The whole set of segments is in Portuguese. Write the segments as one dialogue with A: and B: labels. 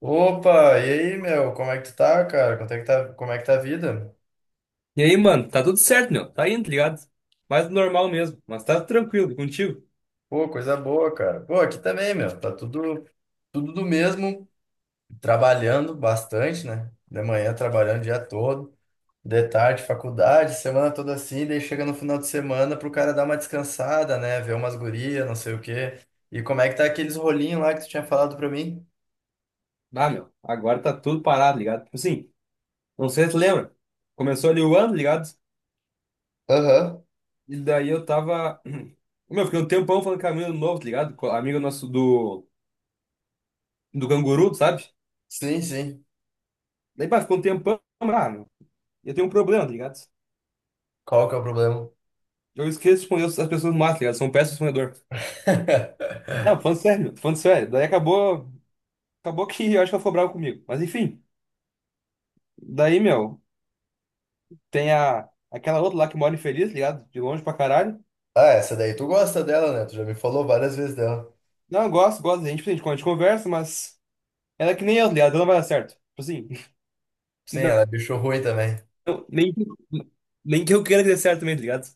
A: Opa, e aí, meu? Como é que tu tá, cara? Como é que tá, a vida?
B: E aí, mano, tá tudo certo, meu. Tá indo, tá ligado? Mais do normal mesmo, mas tá tranquilo e contigo.
A: Pô, coisa boa, cara. Pô, aqui também, meu. Tá tudo do mesmo, trabalhando bastante, né? De manhã trabalhando o dia todo, de tarde faculdade, semana toda assim, daí chega no final de semana pro cara dar uma descansada, né? Ver umas gurias, não sei o quê. E como é que tá aqueles rolinhos lá que tu tinha falado pra mim?
B: Ah, meu, agora tá tudo parado, ligado? Tipo assim, não sei se tu lembra. Começou ali o ano, ligado?
A: Aham.
B: E daí eu tava. Meu, fiquei um tempão falando com a mina do novo, tá ligado? Com a amiga nosso do canguru, sabe?
A: Sim, sim.
B: Daí, pá, ficou um tempão, ah, meu. Eu tenho um problema, tá ligado?
A: Qual que é o problema?
B: Eu esqueço de responder as pessoas mais, tá ligado? São péssimo respondedor. Não, falando sério, meu, falando sério. Daí acabou. Acabou que eu acho que ela ficou brava comigo. Mas enfim, daí, meu. Tem aquela outra lá que mora infeliz, ligado? De longe pra caralho.
A: Ah, essa daí tu gosta dela, né? Tu já me falou várias vezes dela.
B: Não, eu gosto, gosto da gente, a gente conversa, mas ela é que nem eu, tá ligado? Ela não vai dar certo. Tipo assim,
A: Sim,
B: não,
A: ela é bicho ruim também.
B: não, nem que eu queira que dê certo também, tá ligado?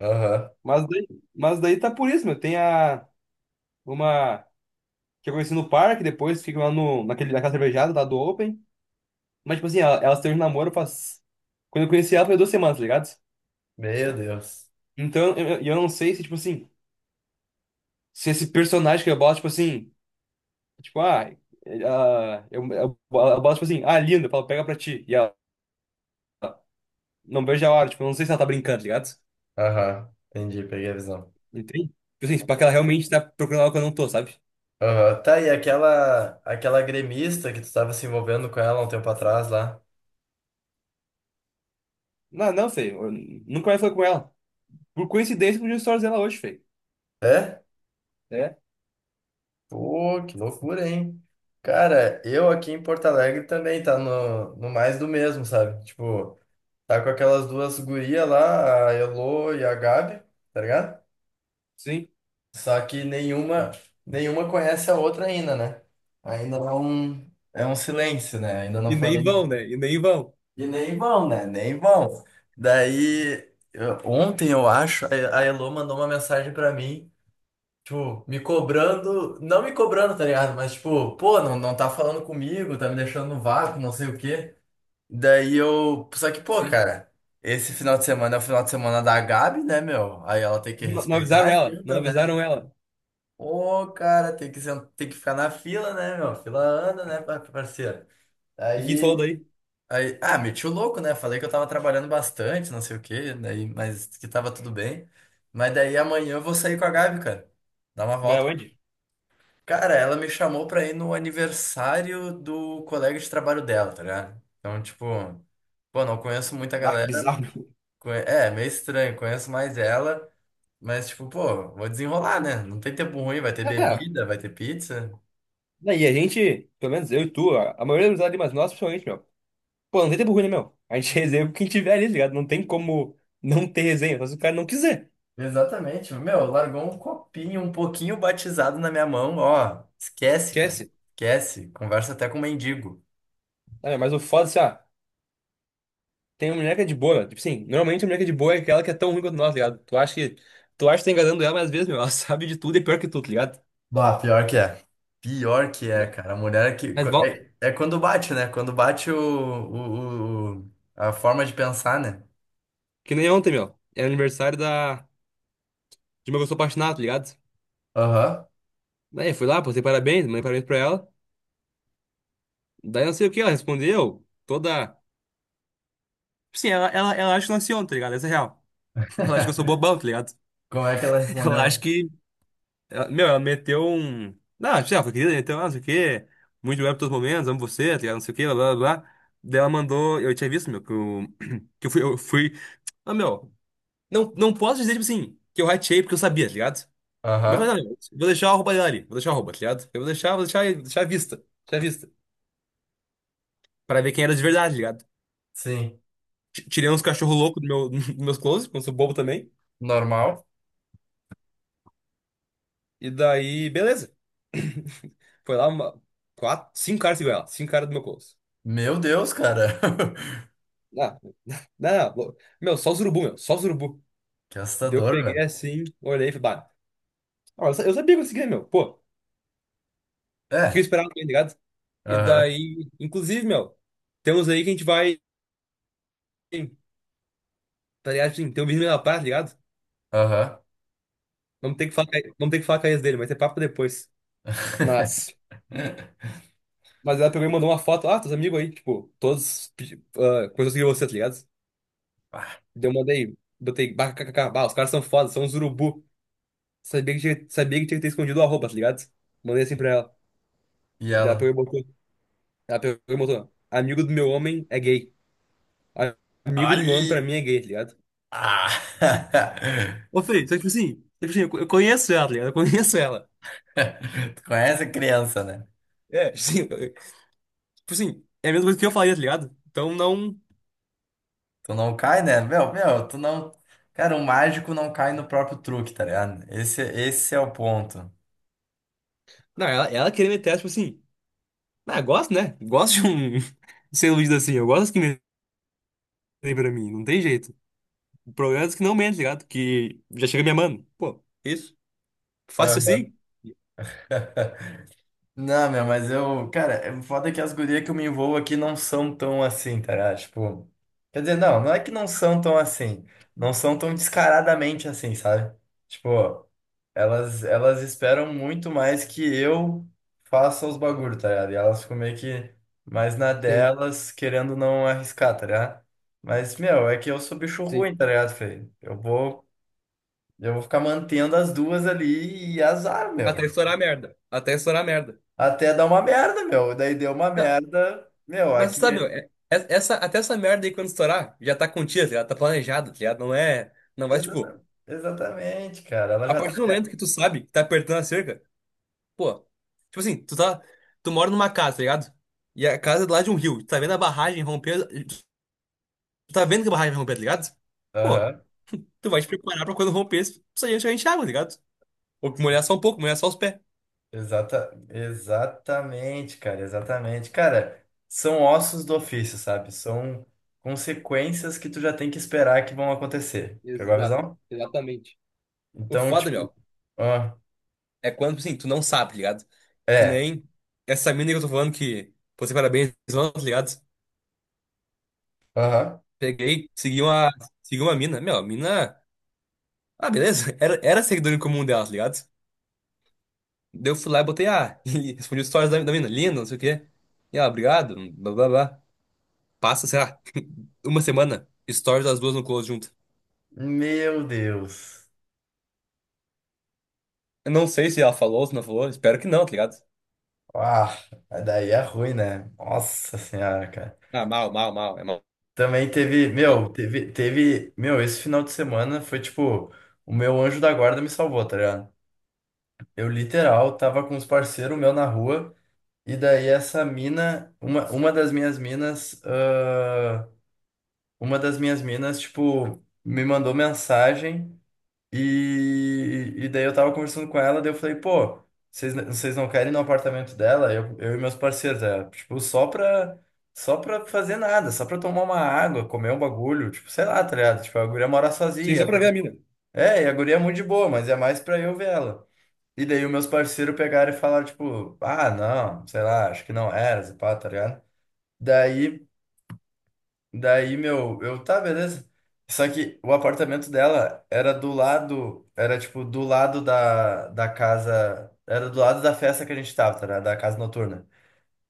A: Aham.
B: Mas daí, mas daí tá por isso, meu. Tem uma que eu conheci no parque, depois fica lá no, naquele, naquela cervejada lá do Open. Mas, tipo assim, ela teve um namoro faz. Quando eu conheci ela, foi 2 semanas, tá ligado?
A: Meu Deus.
B: Então, eu não sei se, tipo assim, se esse personagem que eu boto, tipo assim. Tipo, eu boto, tipo assim, ah, linda, eu falo, pega pra ti. E ela não vejo a hora, tipo, eu não sei se ela tá brincando, tá ligado?
A: Aham. Entendi, peguei a visão.
B: Entende? Tipo assim, tipo, que ela realmente tá procurando algo que eu não tô, sabe?
A: Aham. Tá, e aquela gremista que tu tava se envolvendo com ela um tempo atrás lá.
B: Não, não, sei, eu nunca mais falei com ela. Por coincidência, podia stories dela hoje, feio.
A: É?
B: É?
A: Pô, que loucura, hein? Cara, eu aqui em Porto Alegre também tá no, no mais do mesmo, sabe? Tipo, tá com aquelas duas gurias lá, a Elô e a Gabi, tá ligado?
B: Sim.
A: Só que nenhuma conhece a outra ainda, né? Ainda não. É um silêncio, né? Ainda não
B: E nem
A: falei.
B: vão, né? E nem vão.
A: E nem vão, né? Nem vão. Daí, ontem eu acho, a Elô mandou uma mensagem pra mim, tipo, me cobrando, não me cobrando, tá ligado? Mas tipo, pô, não, não tá falando comigo, tá me deixando no vácuo, não sei o quê. Daí eu, só que, pô,
B: Sim.
A: cara, esse final de semana é o final de semana da Gabi, né, meu? Aí ela tem que
B: Não, não
A: respeitar a
B: avisaram ela, não
A: agenda, né?
B: avisaram ela.
A: Ô, cara, tem que, tem que ficar na fila, né, meu? Fila anda, né, parceiro?
B: E que tu falou
A: Aí.
B: daí?
A: Aí, ah, meti o louco, né? Falei que eu tava trabalhando bastante, não sei o quê, daí, mas que tava tudo bem. Mas daí amanhã eu vou sair com a Gabi, cara. Dar uma
B: Vai
A: volta.
B: aonde?
A: Cara, ela me chamou pra ir no aniversário do colega de trabalho dela, tá ligado? Então, tipo, pô, não conheço muita
B: Ah, que
A: galera.
B: bizarro. Meu.
A: É, meio estranho, conheço mais ela. Mas, tipo, pô, vou desenrolar, né? Não tem tempo ruim, vai ter bebida, vai ter pizza.
B: Ah, e a gente, pelo menos eu e tu, a maioria das amizades, mas nós, principalmente, meu. Pô, não tem tempo ruim, né, meu? A gente resenha com quem tiver ali, tá ligado? Não tem como não ter resenha, só se o cara não quiser.
A: Exatamente. Meu, largou um copinho um pouquinho batizado na minha mão. Ó, esquece, cara.
B: Esquece.
A: Esquece. Conversa até com o mendigo.
B: Ah, mas o foda, assim, ó, tem uma mulher que é de boa, meu. Tipo assim, normalmente a mulher que é de boa é aquela que é tão ruim quanto nós, tá ligado? Tu acha que tá enganando ela, mas às vezes, meu, ela sabe de tudo e é pior que tu, tá ligado?
A: Bah, pior que é. Pior que é, cara. A mulher que.
B: Mas volta.
A: É, é quando bate, né? Quando bate a forma de pensar, né?
B: Que nem ontem, meu. Era aniversário de uma pessoa apaixonada, tá ligado?
A: Aham.
B: Daí eu fui lá, postei parabéns, mandei parabéns pra ela. Daí não sei o que, ela respondeu toda. Sim, ela acha que eu nasci ontem, tá ligado? Essa é real. Ela acha que eu sou bobão, tá ligado?
A: Como é que ela
B: Ela acha
A: respondeu?
B: que Ela- meu, ela meteu um. Ah, já, foi querida, então, ah, não sei o quê. Muito bem por todos os momentos, amo você, tá ligado? Não sei o quê, blá blá blá. Daí ela mandou. Eu tinha visto, meu, que eu. Que eu fui. Eu fui. Ah, meu, não, não posso dizer, tipo assim, que eu rateei porque eu sabia, tá ligado? Mas eu
A: Aham.
B: falei, não, meu, vou deixar a roupa dela ali, vou deixar a roupa, tá ligado? Eu vou deixar, deixar à vista, deixar à vista. Pra ver quem era de verdade, tá ligado?
A: Sim.
B: Tirei uns cachorro louco dos meus clothes, porque eu sou bobo também.
A: Normal.
B: E daí, beleza. Foi lá quatro, cinco caras igual ela, cinco caras do meu close.
A: Meu Deus, cara.
B: Não, meu, só os urubu, meu, só os urubu.
A: Que
B: Daí eu
A: assustador,
B: peguei
A: velho.
B: assim, olhei e falei, bah, ó, eu sabia que eu conseguia, meu, pô, o que eu
A: É.
B: esperava, tá ligado? E
A: Aham.
B: daí, inclusive, meu, temos aí que a gente vai, tá ligado? Assim, tem um vídeo na praia, tá ligado?
A: Aham.
B: Vamos ter que falar, vamos ter que falar com a ex dele, mas é papo depois. Mas, mas ela pegou e mandou uma foto, ah, teus amigos aí, tipo, todos coisas que você, tá ligado?
A: Ah,
B: Daí eu mandei, botei, bah, kkk, bah, os caras são foda, são os urubu. Sabia que tinha que ter escondido o arroba, tá ligado? Mandei assim pra ela.
A: E
B: Daí ela
A: ela?
B: pegou e botou. Ela pegou e botou: Amigo do meu homem é gay. A- Amigo do meu homem pra
A: Olha!
B: mim é gay, tá ligado?
A: Ah!
B: Ô, Fê, só que, tipo assim, eu conheço ela, tá ligado? Eu conheço ela.
A: Tu conhece criança, né?
B: É, tipo assim, tipo assim, é a mesma coisa que eu faria, tá ligado? Então não.
A: Tu não cai, né? Meu, tu não. Cara, o mágico não cai no próprio truque, tá ligado? Esse é o ponto.
B: Não, ela queria meter, essa, tipo assim. Ah, gosto, né? Gosto de um. de ser iludido assim, eu gosto que metem pra mim, não tem jeito. O problema é que não mentem, tá ligado? Que já chega me amando. Pô, isso? Fácil
A: Aham.
B: assim?
A: Não, meu, mas eu, cara, é foda que as gurias que eu me envolvo aqui não são tão assim, tá ligado? Tipo, quer dizer, não, não é que não são tão assim, não são tão descaradamente assim, sabe? Tipo, elas esperam muito mais que eu faça os bagulho, tá ligado? E elas ficam meio que mais na
B: Sim,
A: delas, querendo não arriscar, tá ligado? Mas, meu, é que eu sou bicho
B: sim.
A: ruim, tá ligado, Fê? Eu vou ficar mantendo as duas ali e azar,
B: Até
A: meu.
B: estourar a merda. Até estourar a merda.
A: Até dar uma merda, meu. Daí deu uma merda. Meu,
B: Mas
A: aqui.
B: sabe, meu, é- essa, até essa merda aí quando estourar, já tá contida, tá ligado? Tá planejado, tá ligado? Não é. Não vai, tipo,
A: Exata- Exatamente, cara. Ela
B: a
A: já tá.
B: partir do momento que tu sabe que tá apertando a cerca, pô. Tipo assim, tu tá. Tu mora numa casa, tá ligado? E a casa é do lado de um rio. Tu tá vendo a barragem romper. Tu tá vendo que a barragem vai romper, tá ligado? Pô,
A: Aham.
B: tu vai te preparar pra quando romper, tu sair encher água, tá ligado? Ou molhar só um pouco, molhar só os pés.
A: Exatamente, cara. Exatamente. Cara, são ossos do ofício, sabe? São consequências que tu já tem que esperar que vão acontecer. Pegou a
B: Exato,
A: visão?
B: exatamente. O
A: Então,
B: foda,
A: tipo.
B: meu.
A: Ah,
B: É quando, assim, tu não sabe, tá ligado? Que
A: é.
B: nem essa mina que eu tô falando que, pô, você parabéns, mano, tá ligado?
A: Aham.
B: Peguei, segui uma mina. Meu, a mina. Ah, beleza. Era seguidor em comum dela, tá ligado? Daí eu fui lá e botei, ah, e respondi stories da mina, linda, não sei o quê. E ela, obrigado, blá blá blá. Passa, sei lá, uma semana, stories das duas no close junto.
A: Meu Deus.
B: Eu não sei se ela falou, se não falou, espero que não, tá ligado?
A: Ah, daí é ruim, né? Nossa senhora, cara.
B: Ah, mal, mal, mal, é mal,
A: Também teve,
B: mal.
A: meu, teve, meu, esse final de semana foi tipo, o meu anjo da guarda me salvou, tá ligado? Eu literal tava com uns parceiros meu na rua, e daí essa mina, uma das minhas minas, ah, uma das minhas minas, tipo, me mandou mensagem. E daí eu tava conversando com ela, daí eu falei, pô, vocês não querem ir no apartamento dela? Eu e meus parceiros, é, tipo, só pra fazer nada, só pra tomar uma água, comer um bagulho, tipo, sei lá, tá ligado? Tipo, a guria mora
B: Sim,
A: sozinha.
B: só pra ver a mina.
A: É, e a guria é muito de boa, mas é mais pra eu ver ela. E daí os meus parceiros pegaram e falaram, tipo, ah, não, sei lá, acho que não era, pá, tá ligado? Daí. Daí, meu, eu, tá, beleza. Só que o apartamento dela era do lado, era tipo do lado da casa, era do lado da festa que a gente tava, tá, ligado? Da casa noturna.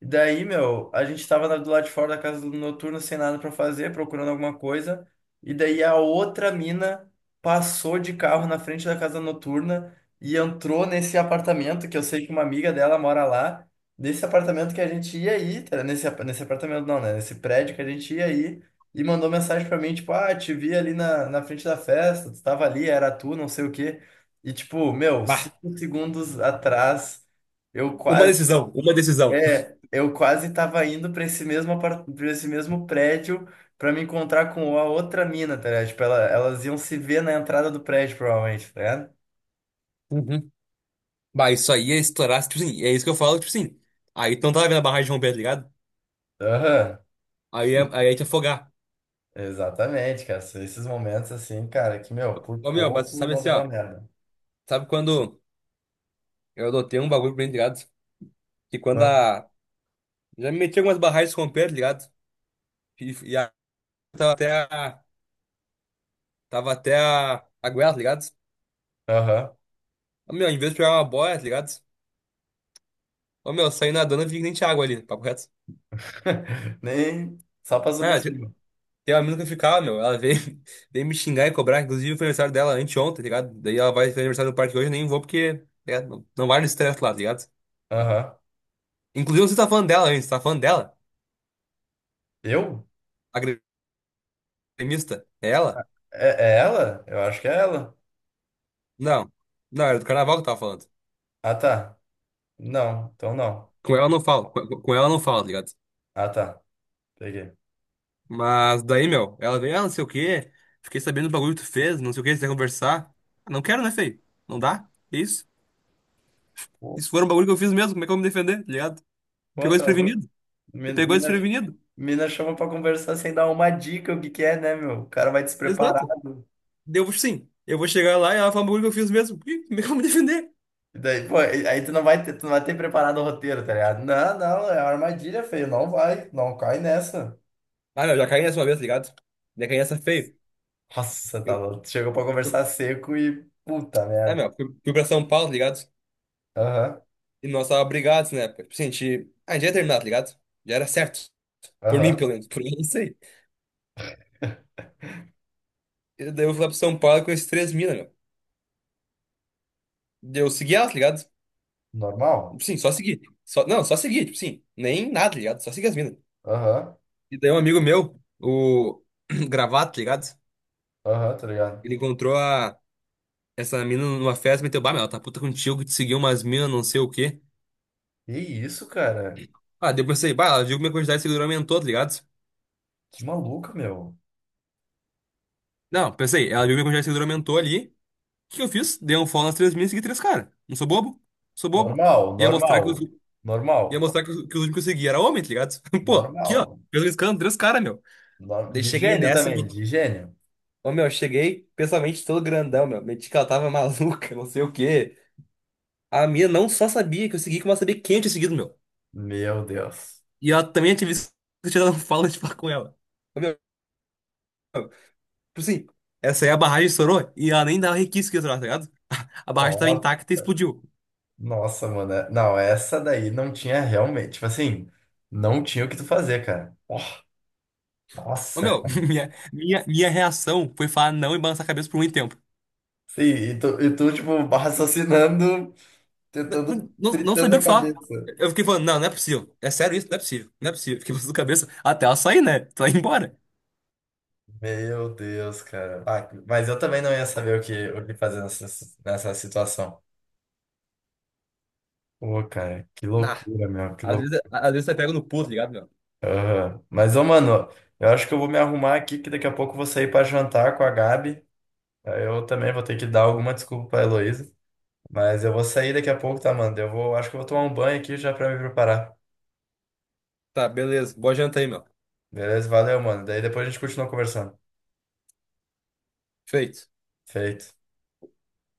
A: E daí, meu, a gente tava do lado de fora da casa do noturno sem nada pra fazer, procurando alguma coisa. E daí a outra mina passou de carro na frente da casa noturna e entrou nesse apartamento que eu sei que uma amiga dela mora lá. Nesse apartamento que a gente ia ir, tá? Nesse apartamento não, né? Nesse prédio que a gente ia ir e mandou mensagem pra mim, tipo, ah, te vi ali na frente da festa, tu tava ali, era tu, não sei o quê. E tipo, meu,
B: Bah,
A: cinco segundos atrás. Eu
B: uma
A: quase
B: decisão, uma decisão.
A: é, eu quase tava indo pra pra esse mesmo prédio pra me encontrar com a outra mina, tá ligado? Tipo, elas iam se ver na entrada do prédio, provavelmente, tá ligado?
B: Bah, isso aí ia estourar, tipo assim, é isso que eu falo, tipo assim. Aí tu não tava vendo a barragem romper, tá ligado?
A: Aham,
B: Aí ia te afogar.
A: exatamente, cara. São Esses momentos assim, cara, que, meu, por
B: Ô, meu, mas
A: pouco
B: sabe
A: não
B: assim,
A: deu uma
B: ó.
A: merda.
B: Sabe quando eu adotei um bagulho pra mim, tá ligado? Que quando
A: Ah,
B: a. Já me meti em algumas barragens romper, tá ligado? E tava até a. Tava até a. A goela, tá ligado?
A: Aham.
B: Ô, meu, em vez de pegar uma boia, tá ligado? Ô, meu, eu saí nadando e vi que nem tinha água ali, papo reto.
A: Nem só passou por
B: Ah,
A: cima.
B: tem uma mina que eu ficava, meu. Ela veio, veio me xingar e cobrar. Inclusive, foi aniversário dela anteontem, tá ligado? Daí ela vai fazer aniversário do parque hoje, eu nem vou porque tá ligado? Não, não vale o estresse lá, tá ligado?
A: Aham.
B: Inclusive, você tá falando dela antes, tá falando dela?
A: Eu?
B: A gremista? É ela?
A: É, é ela? Eu acho que é ela.
B: Não. Não, era do carnaval que eu tava falando.
A: Ah, tá. Não, então não.
B: Com ela eu não falo, com ela eu não falo, tá ligado?
A: Ah, tá. Peguei.
B: Mas daí, meu, ela vem, ah, não sei o quê. Fiquei sabendo do bagulho que tu fez, não sei o quê, você quer conversar. Ah, não quero, né, feio? Não dá? É isso?
A: Pô,
B: Isso foi um bagulho que eu fiz mesmo, como é que eu vou me defender, tá ligado? Me
A: pô,
B: pegou
A: tá louco.
B: desprevenido. Me pegou
A: Mina,
B: desprevenido.
A: mina chama pra conversar sem dar uma dica o que que é, né, meu? O cara vai
B: Exato.
A: despreparado.
B: Devo sim. Eu vou chegar lá e ela fala um bagulho que eu fiz mesmo. Ih, como é que eu vou me defender?
A: E daí, pô, aí tu não vai ter preparado o roteiro, tá ligado? Não, não, é armadilha, feio. Não vai, não cai nessa.
B: Ah, meu, já caí nessa uma vez, tá ligado? Já caí nessa feio.
A: Nossa, tá
B: Eu,
A: louco. Chegou pra conversar
B: eu-
A: seco e puta
B: é,
A: merda.
B: meu, fui pra São Paulo, tá ligado?
A: Aham,
B: E nós tava brigados na época. Tipo assim, a gente ia terminar, tá ligado? Já era certo. Por mim,
A: aham.
B: pelo menos. Por mim, não sei. E daí eu fui lá pra São Paulo com esses três mina, meu. Daí eu segui ela, tá ligado?
A: Normal?
B: Tipo sim, só segui. Só, não, só segui, tipo assim. Nem nada, tá ligado? Só segui as minas.
A: Aham,
B: E daí um amigo meu, o Gravato, tá ligado?
A: aham, tá ligado?
B: Ele encontrou a. Essa mina numa festa meteu, bah, meu, ela tá puta contigo que te seguiu umas minas, não sei o quê.
A: Que isso, cara?
B: Ah, daí eu pensei, bah, ela viu que minha quantidade de seguidor aumentou, tá ligado?
A: Que maluco, meu.
B: Não, pensei, ela viu que minha quantidade de seguidor aumentou ali. O que que eu fiz? Dei um follow nas três minas e segui três caras. Não sou bobo? Sou bobo.
A: Normal,
B: Ia mostrar que os,
A: normal, normal,
B: que os únicos que eu segui era homem, tá ligado? Pô, aqui, ó.
A: normal.
B: Pelo escândalo, três caras, meu. Daí
A: De
B: cheguei
A: gênio
B: nessa.
A: também, de gênio.
B: Ô, meu, cheguei pensamento todo grandão, meu. Meti que ela tava maluca, não sei o quê. A minha não só sabia que eu segui, como ela sabia quem eu tinha seguido, meu.
A: Meu Deus.
B: E ela também é ativista tirando fala de falar com ela. Ô, meu, tipo assim, essa aí a barragem estourou e ela nem dava requisito que ia estourar, tá ligado? A barragem tava
A: Ó,
B: intacta e explodiu.
A: Nossa, mano. Não, essa daí não tinha realmente. Tipo assim, não tinha o que tu fazer, cara. Ó,
B: Ô
A: Nossa,
B: meu,
A: cara.
B: minha reação foi falar não e balançar a cabeça por muito tempo.
A: Sim, e tu, tipo, raciocinando, tentando,
B: Não, não
A: fritando
B: sabia o
A: a
B: que falar.
A: cabeça.
B: Eu fiquei falando, não, não é possível. É sério isso? Não é possível. Não é possível. Fiquei balançando a cabeça até ela sair, né? Ela ir embora.
A: Meu Deus, cara. Ah, mas eu também não ia saber o que fazer nessa situação. Pô, cara, que
B: Nah.
A: loucura, meu, que
B: Às
A: loucura.
B: vezes, às vezes você pega no pulo, tá ligado, meu?
A: Mas, ô, mano, eu acho que eu vou me arrumar aqui, que daqui a pouco eu vou sair pra jantar com a Gabi. Aí Eu também vou ter que dar alguma desculpa pra Heloísa. Mas eu vou sair daqui a pouco, tá, mano? Eu vou, acho que eu vou tomar um banho aqui já pra me preparar.
B: Tá, beleza. Boa janta aí, meu.
A: Beleza? Valeu, mano. Daí depois a gente continua conversando.
B: Feito.
A: Feito.